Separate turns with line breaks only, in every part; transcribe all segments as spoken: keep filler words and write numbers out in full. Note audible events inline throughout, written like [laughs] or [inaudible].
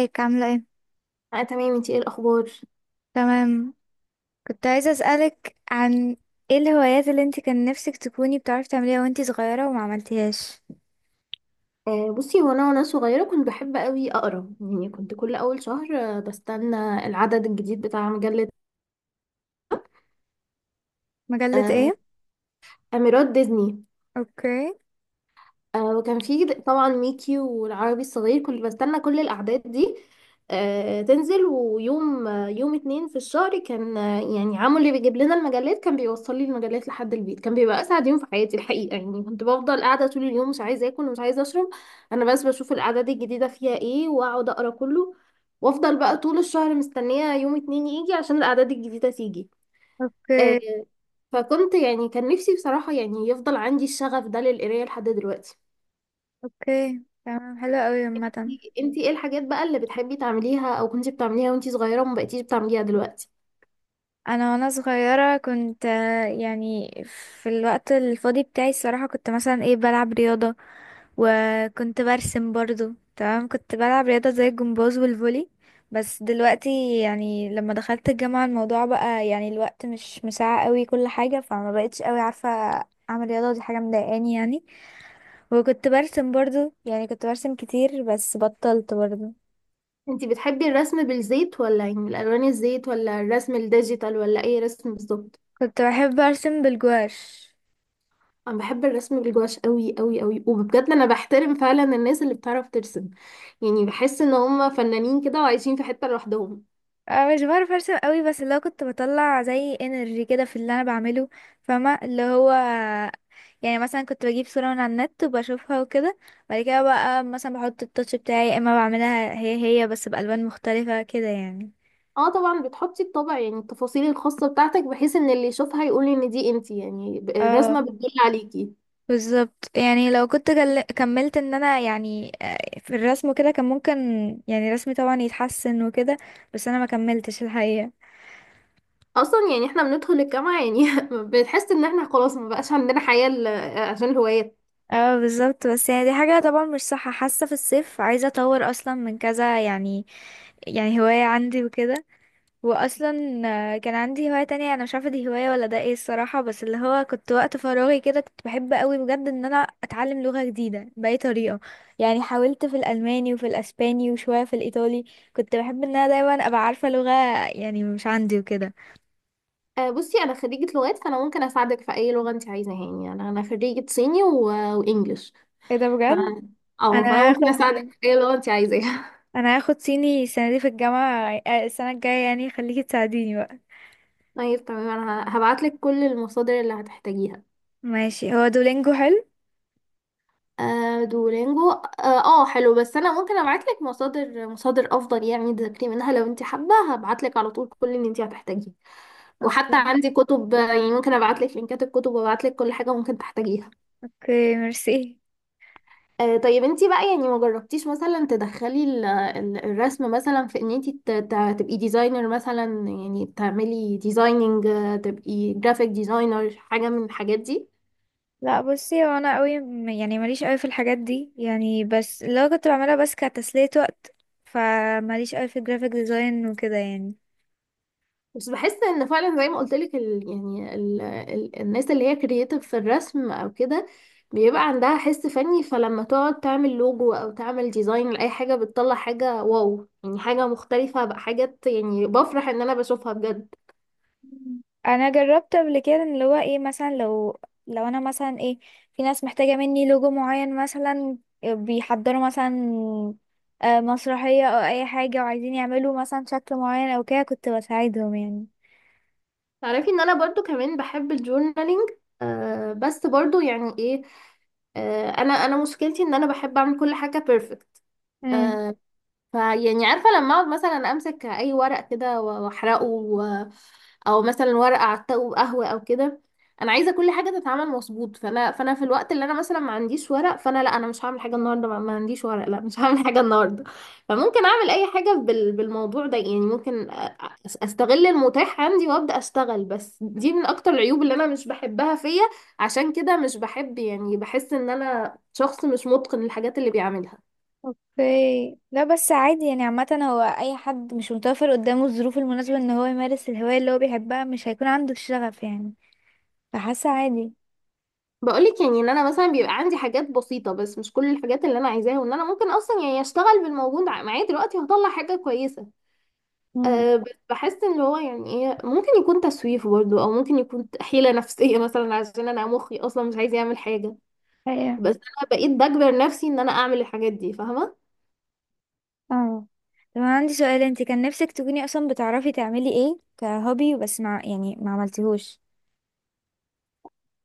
ازيك، عاملة ايه؟
اه، تمام. انتي ايه الاخبار؟
تمام. كنت عايزة اسألك عن ايه الهوايات اللي انت كان نفسك تكوني بتعرفي تعمليها وانت صغيرة وما عملتيهاش.
آه بصي، هو انا وانا صغيره كنت بحب قوي اقرا. يعني كنت كل اول شهر آه، بستنى العدد الجديد بتاع مجله.
مجلة
آه
ايه؟
اميرات ديزني.
اوكي.
آه وكان في د- طبعا ميكي والعربي الصغير، كنت بستنى كل الأعداد دي آه تنزل. ويوم آه يوم اتنين في الشهر كان، آه يعني عمو اللي بيجيب لنا المجلات كان بيوصل لي المجلات لحد البيت. كان بيبقى أسعد يوم في حياتي الحقيقة. يعني كنت بفضل قاعدة طول اليوم، مش عايزة آكل ومش عايزة أشرب. أنا بس بشوف الأعداد الجديدة فيها إيه وأقعد أقرأ كله، وأفضل بقى طول الشهر مستنية يوم اتنين يجي عشان الأعداد الجديدة تيجي. آه
اوكي.
فكنت يعني كان نفسي بصراحة يعني يفضل عندي الشغف ده للقراية لحد دلوقتي.
اوكي، تمام، حلو قوي. عامة
انتي ايه الحاجات بقى اللي بتحبي تعمليها او كنتي بتعمليها وانتي صغيرة وما بقيتيش بتعمليها دلوقتي؟
انا وانا صغيرة كنت، آه، يعني في الوقت الفاضي بتاعي الصراحة، كنت مثلا ايه بلعب رياضة، وكنت برسم برضو. تمام، كنت بلعب رياضة زي الجمباز والفولي، بس دلوقتي يعني لما دخلت الجامعة الموضوع بقى يعني الوقت مش مساعة قوي كل حاجة، فما بقتش قوي عارفة اعمل رياضة. دي حاجة مضايقاني يعني. وكنت برسم برضو، يعني كنت برسم كتير بس بطلت برضو.
انتي بتحبي الرسم بالزيت ولا يعني الالوان الزيت، ولا الرسم الديجيتال، ولا اي رسم بالظبط؟
كنت بحب ارسم بالجواش.
انا بحب الرسم بالجواش قوي قوي قوي، وبجد انا بحترم فعلا الناس اللي بتعرف ترسم. يعني بحس ان هم فنانين كده وعايشين في حتة لوحدهم.
أه مش بعرف ارسم قوي، بس اللي هو كنت بطلع زي انرجي كده في اللي انا بعمله، فاهمة؟ اللي هو يعني مثلا كنت بجيب صورة من على النت وبشوفها وكده، بعد كده بقى مثلا بحط التاتش بتاعي، يا اما بعملها هي هي بس بألوان مختلفة كده يعني.
اه طبعا، بتحطي الطبع، يعني التفاصيل الخاصة بتاعتك، بحيث ان اللي يشوفها يقول ان دي انتي. يعني
اه
الرسمة بتدل عليكي.
بالظبط، يعني لو كنت جل... كملت ان انا يعني، آه، في الرسم كده كان ممكن يعني رسمي طبعا يتحسن وكده، بس انا ما كملتش الحقيقة.
اصلا يعني احنا بندخل الجامعه يعني [laughs] بنحس ان احنا خلاص ما بقاش عندنا حياه، ل- آه، عشان الهوايات.
اه بالظبط. بس يعني دي حاجة طبعا مش صح، حاسة في الصيف عايزة اطور اصلا من كذا، يعني يعني هواية عندي وكده. واصلا، آه، كان عندي هواية تانية انا مش عارفة دي هواية ولا ده ايه الصراحة، بس اللي هو كنت وقت فراغي كده كنت بحب قوي بجد ان انا اتعلم لغة جديدة بأي طريقة. يعني حاولت في الالماني وفي الاسباني وشوية في الايطالي. كنت بحب ان انا دايما ابقى عارفة لغة يعني، مش عندي وكده.
آه، بصي انا خريجه لغات، فانا ممكن اساعدك في اي لغه انت عايزاها. يعني انا انا خريجه صيني و... وانجليش.
ايه ده
ف...
بجد؟
اه فانا
انا
ممكن
هاخد
اساعدك في اي لغه انت عايزاها.
انا هاخد صيني السنة دي في الجامعة، آه، السنة الجاية يعني خليكي تساعديني بقى.
[laughs] طيب تمام، انا هبعت لك كل المصادر اللي هتحتاجيها.
ماشي، هو دولينجو حلو؟
آه، دولينجو اه. آه، حلو، بس انا ممكن ابعت لك مصادر مصادر افضل يعني تذاكري منها لو انت حابه. هبعت لك على طول كل اللي انت هتحتاجيه، وحتى عندي كتب، يعني ممكن ابعت لك لينكات الكتب وابعت لك كل حاجه ممكن تحتاجيها.
اوكي، ميرسي.
آه طيب انتي بقى يعني ما جربتيش مثلا تدخلي ال- ال- الرسم مثلا في ان انتي ت- ت- تبقي ديزاينر مثلا، يعني تعملي ديزايننج، تبقي جرافيك ديزاينر، حاجه من الحاجات دي؟
لا بصي، هو انا قوي م- يعني ماليش قوي في الحاجات دي يعني، بس لو كنت بعملها بس كتسلية وقت. فماليش قوي في الجرافيك ديزاين وكده يعني.
بس بحس ان فعلا زي ما قلت لك، ال... يعني ال... ال... الناس اللي هي كرييتيف في الرسم او كده بيبقى عندها حس فني، فلما تقعد تعمل لوجو او تعمل ديزاين لاي حاجه بتطلع حاجه واو. يعني حاجه مختلفه، بقى حاجات يعني بفرح ان انا بشوفها بجد.
مم. انا جربت قبل كده ان اللي هو ايه، مثلا لو لو انا مثلا ايه، في ناس محتاجة مني لوجو معين مثلا، بيحضروا مثلا آه، مسرحية او اي حاجة وعايزين يعملوا مثلا شكل معين او كده، كنت بساعدهم يعني.
تعرفي ان انا برضو كمان بحب الجورنالينج؟ آه بس برضو يعني ايه، آه، انا انا مشكلتي ان انا بحب اعمل كل حاجه بيرفكت. آه فيعني عارفه، لما اقعد مثلا امسك اي ورق كده واحرقه، او مثلا ورقه على الطاوله وقهوه او كده، انا عايزه كل حاجه تتعمل مظبوط. فانا فانا في الوقت اللي انا مثلا ما عنديش ورق، فانا لا انا مش هعمل حاجه النهارده. ما ما عنديش ورق، لا مش [laughs] هعمل حاجه النهارده. فممكن اعمل اي حاجه بال- بالموضوع ده. يعني ممكن أ- أس- استغل المتاح عندي وابدا اشتغل، بس دي من اكتر العيوب اللي انا مش بحبها فيا. عشان كده مش بحب، يعني بحس ان انا شخص مش متقن الحاجات اللي بيعملها.
اوكي. لا بس عادي يعني، عامة هو اي حد مش متوفر قدامه الظروف المناسبة ان هو يمارس الهواية اللي هو بيحبها مش هيكون عنده الشغف يعني، فحاسة عادي.
بقولك يعني ان انا مثلا بيبقى عندي حاجات بسيطة، بس مش كل الحاجات اللي انا عايزاها، وان انا ممكن اصلا يعني اشتغل بالموجود ع- معايا دلوقتي وهطلع حاجة كويسة.
امم.
أه بس بحس ان هو يعني ايه، ممكن يكون تسويف برضه، او ممكن يكون حيلة نفسية [laughs] مثلا، عشان انا مخي اصلا مش عايز يعمل حاجة.
ايوه.
بس انا بقيت بجبر نفسي ان انا اعمل الحاجات دي، فاهمة؟
اه. طب انا عندي سؤال، انت كان نفسك تكوني اصلا بتعرفي تعملي ايه كهوبي بس مع يعني ما عملتيهوش؟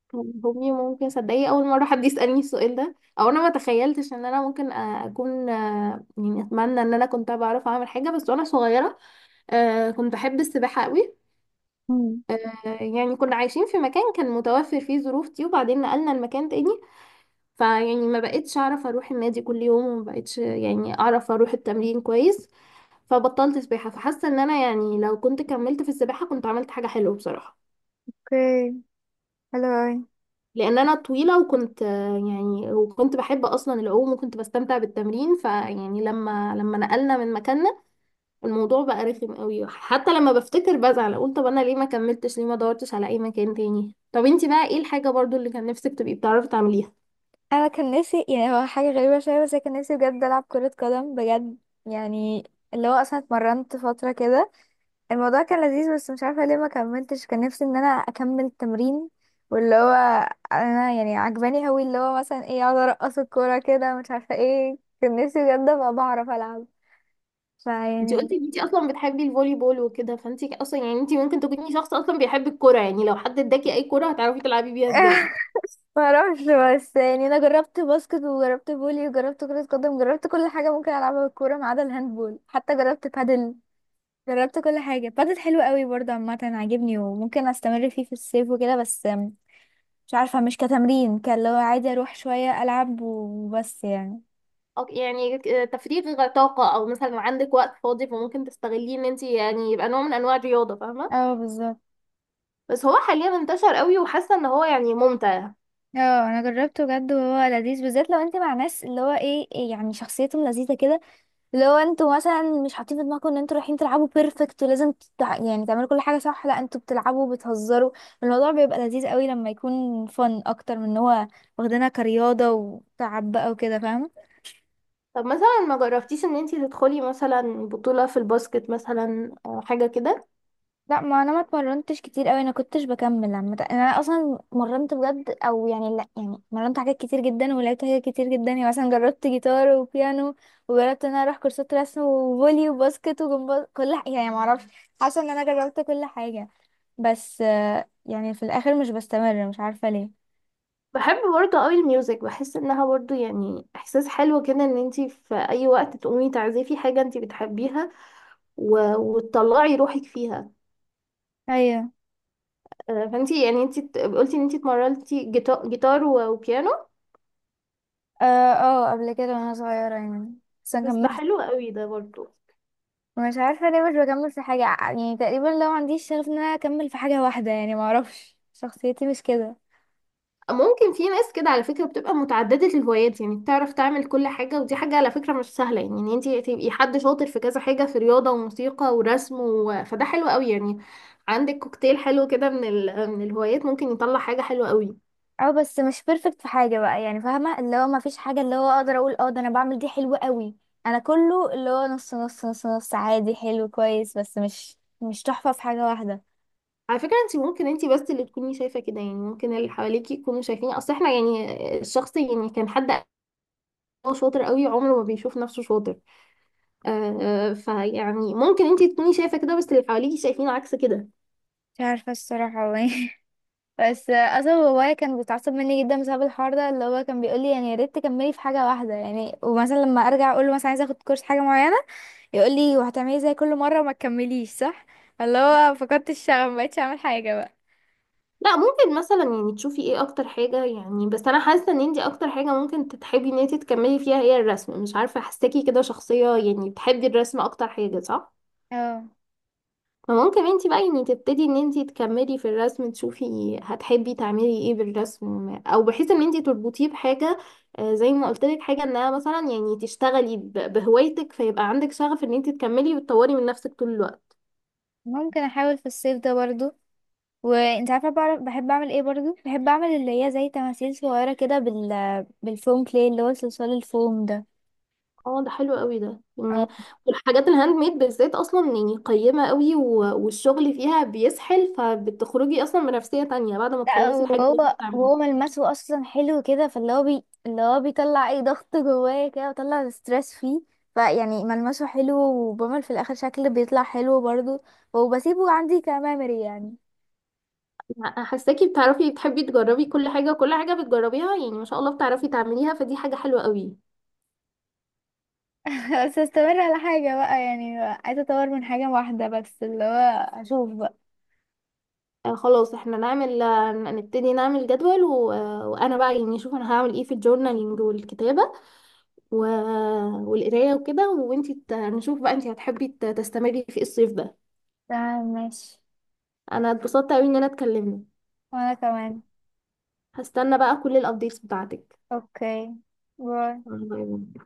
كان هوبي ممكن، صدقي اول مرة حد يسألني السؤال ده، او انا ما تخيلتش ان انا ممكن آه، اكون آه، يعني اتمنى ان انا كنت بعرف اعمل حاجة بس وانا صغيرة. أه، كنت بحب السباحة قوي.
مم.
آه، يعني كنا عايشين في مكان كان متوفر فيه ظروف دي، وبعدين نقلنا المكان تاني. فيعني ما بقتش اعرف اروح النادي كل يوم، وما بقتش يعني اعرف اروح التمرين كويس. فبطلت سباحة، فحاسة ان انا يعني لو كنت كملت في السباحة كنت عملت حاجة حلوة بصراحة.
اوكي، حلو اوي.
لان انا طويلة، وكنت آه، يعني، وكنت بحب اصلا العوم، وكنت بستمتع بالتمرين. فيعني لما لما نقلنا من مكاننا الموضوع بقى رخم قوي. حتى لما بفتكر بزعل اقول طب انا ليه ما كملتش، ليه ما دورتش على اي مكان تاني. طب انتي بقى ايه الحاجة برضو اللي كان نفسك تبقي بتعرفي تعمليها؟
انا كان نفسي يعني، هو حاجه غريبه شويه بس أنا كان نفسي بجد العب كره قدم بجد يعني، اللي هو اصلا اتمرنت فتره كده، الموضوع كان لذيذ بس مش عارفة ليه ما كملتش. كان نفسي ان انا اكمل التمرين. واللي هو، انا يعني عجباني هوي اللي هو مثلا ايه اقعد ارقص الكورة كده، مش عارفة ايه، كان نفسي بجد ابقى بعرف العب
انتي
فيعني.
قلتي ان انتي اصلا بتحبي الفولي بول وكده، فانتي اصلا يعني انتي ممكن تكوني شخص اصلا بيحب الكرة. يعني لو حد اداكي اي كرة هتعرفي تلعبي بيها ازاي.
[laughs] ما اعرفش، بس يعني انا جربت باسكت وجربت فولي وجربت كرة قدم، جربت كل حاجة ممكن العبها بالكورة ما عدا الهاندبول، حتى جربت بادل. جربت كل حاجة. بادل حلو قوي برضه، عامة عاجبني وممكن استمر فيه في الصيف وكده، بس مش عارفة مش كتمرين كان، لو عادي اروح شوية العب وبس يعني.
أو يعني تفريغ طاقة، او مثلا عندك وقت فاضي فممكن تستغليه ان انتي يعني يبقى نوع من انواع الرياضة، فاهمة؟
اه بالظبط.
بس هو حاليا انتشر قوي، وحاسة ان هو يعني ممتع.
اه انا جربته بجد وهو لذيذ، بالذات لو انت مع ناس اللي هو ايه، إيه يعني شخصيتهم لذيذه كده، اللي هو انتوا مثلا مش حاطين في دماغكم ان انتوا رايحين تلعبوا بيرفكت ولازم تتع... يعني تعملوا كل حاجه صح، لا انتوا بتلعبوا وبتهزروا. الموضوع بيبقى لذيذ قوي لما يكون فن اكتر من ان هو واخدينها كرياضه وتعب بقى وكده، فاهمه؟
طب مثلا ما جربتيش ان انتي تدخلي مثلا بطولة في الباسكت مثلا، آه، حاجة كده؟
لا ما انا ما اتمرنتش كتير قوي، انا كنتش بكمل عامه يعني، انا اصلا مرنت بجد او يعني لا يعني مرنت حاجات كتير جدا ولعبت حاجات كتير جدا، يعني مثلا جربت جيتار وبيانو، وجربت ان انا اروح كورسات رسم وفولي وباسكت وجمباز، كل حاجه يعني ما اعرفش. حاسه ان انا جربت كل حاجه، بس آه، يعني في الاخر مش بستمر مش عارفه ليه.
بحب برضه قوي الميوزك، بحس انها برضه يعني احساس حلو كده ان انتي في اي وقت تقومي تعزفي حاجة انتي بتحبيها و... وتطلعي روحك فيها.
ايوه.
آه، فانتي يعني انتي ت- قلتي ان انتي اتمرنتي جيتا- جيتار و- وبيانو.
اه، آه، قبل كده وانا صغيره يعني، بس انا
بس ده
كملت.
حلو قوي ده برضه.
مش عارفه ليه مش بكمل في حاجه يعني، تقريبا لو عنديش شغف ان انا اكمل في حاجه واحده يعني، ما اعرفش شخصيتي مش كده.
ممكن في ناس كده على فكرة بتبقى متعددة الهوايات، يعني بتعرف تعمل كل حاجة، ودي حاجة على فكرة مش سهلة. يعني ان انتي تبقي حد شاطر في كذا حاجة، في رياضة وموسيقى ورسم و... فده حلو قوي يعني. عندك كوكتيل حلو كده من ال... من الهوايات، ممكن يطلع حاجة حلوة قوي.
اه بس مش بيرفكت في حاجه بقى يعني، فاهمه؟ اللي هو ما فيش حاجه اللي هو اقدر اقول اه ده انا بعمل دي حلوه قوي. انا كله اللي هو نص نص نص نص عادي حلو كويس، بس مش مش تحفه في حاجه واحده.
على فكرة انتي ممكن انتي بس اللي تكوني شايفة كده، يعني ممكن اللي حواليكي يكونوا شايفين، اصل احنا يعني الشخص يعني كان حد هو شاطر قوي عمره ما بيشوف نفسه شاطر. آه آه، فيعني ممكن انتي تكوني شايفة كده بس اللي حواليكي شايفين عكس كده.
مش عارفه الصراحه هو ايه. [laughs] بس اصلا بابايا كان بيتعصب مني جدا بسبب الحوار ده، اللي هو كان بيقول لي يعني يا ريت تكملي في حاجه واحده يعني، ومثلا لما ارجع اقول له مثلا عايزه اخد كورس حاجه معينه، يقول لي وهتعملي زي كل مره وما تكمليش صح، اللي هو فقدت الشغف ما بقتش اعمل حاجه بقى.
لا ممكن مثلا يعني تشوفي ايه اكتر حاجة، يعني بس انا حاسة ان انتي اكتر حاجة ممكن تتحبي ان انتي تكملي فيها هي الرسم. مش عارفة، حاساكي كده شخصية يعني بتحبي الرسم اكتر حاجة، صح؟
اه،
فممكن انتي بقى يعني تبتدي ان انتي تكملي في الرسم، تشوفي هتحبي تعملي ايه بالرسم، او بحيث ان انتي تربطيه بحاجة. آه، زي ما قلت لك، حاجة انها مثلا يعني تشتغلي ب- بهوايتك، فيبقى عندك شغف ان انتي تكملي وتطوري من نفسك طول الوقت.
ممكن احاول في الصيف ده برضو. وانت عارفه بعرف بحب اعمل ايه برضو؟ بحب اعمل اللي هي زي تماثيل صغيره كده بال بالفوم، كلي اللي هو صلصال الفوم ده.
اه ده حلو قوي ده
اه.
يعني. والحاجات الهاند ميد بالذات اصلا يعني قيمة قوي، و- والشغل فيها بيسحل، فبتخرجي اصلا بنفسية تانية بعد ما
لا
تخلصي الحاجة اللي انت
وهو
بتعمليها.
وهو ملمسه اصلا حلو كده، فاللي هو بي... اللي هو بيطلع اي ضغط جوايا كده، وطلع ستريس فيه، فيعني ملمسه حلو وبعمل في الاخر شكل بيطلع حلو برضو، وبسيبه عندي كميموري يعني.
انا حاساكي بتعرفي بتحبي تجربي كل حاجة، وكل حاجة بتجربيها يعني ما شاء الله بتعرفي تعمليها، فدي حاجة حلوة قوي.
[laughs] بس استمر على حاجة بقى يعني، عايزة اطور من حاجة واحدة بس اللي هو اشوف بقى.
آه خلاص احنا نعمل، آه، نبتدي نعمل جدول و... آه، وانا بقى يعني اشوف انا هعمل ايه في الجورنالينج والكتابة و... والقراية وكده، وانتي ت- نشوف بقى انتي هتحبي ت- تستمري في إيه الصيف ده.
تمام، ماشي.
انا اتبسطت قوي اننا اتكلمنا.
وانا كمان.
هستنى بقى كل الابديتس بتاعتك.
اوكي. باي.
باي باي.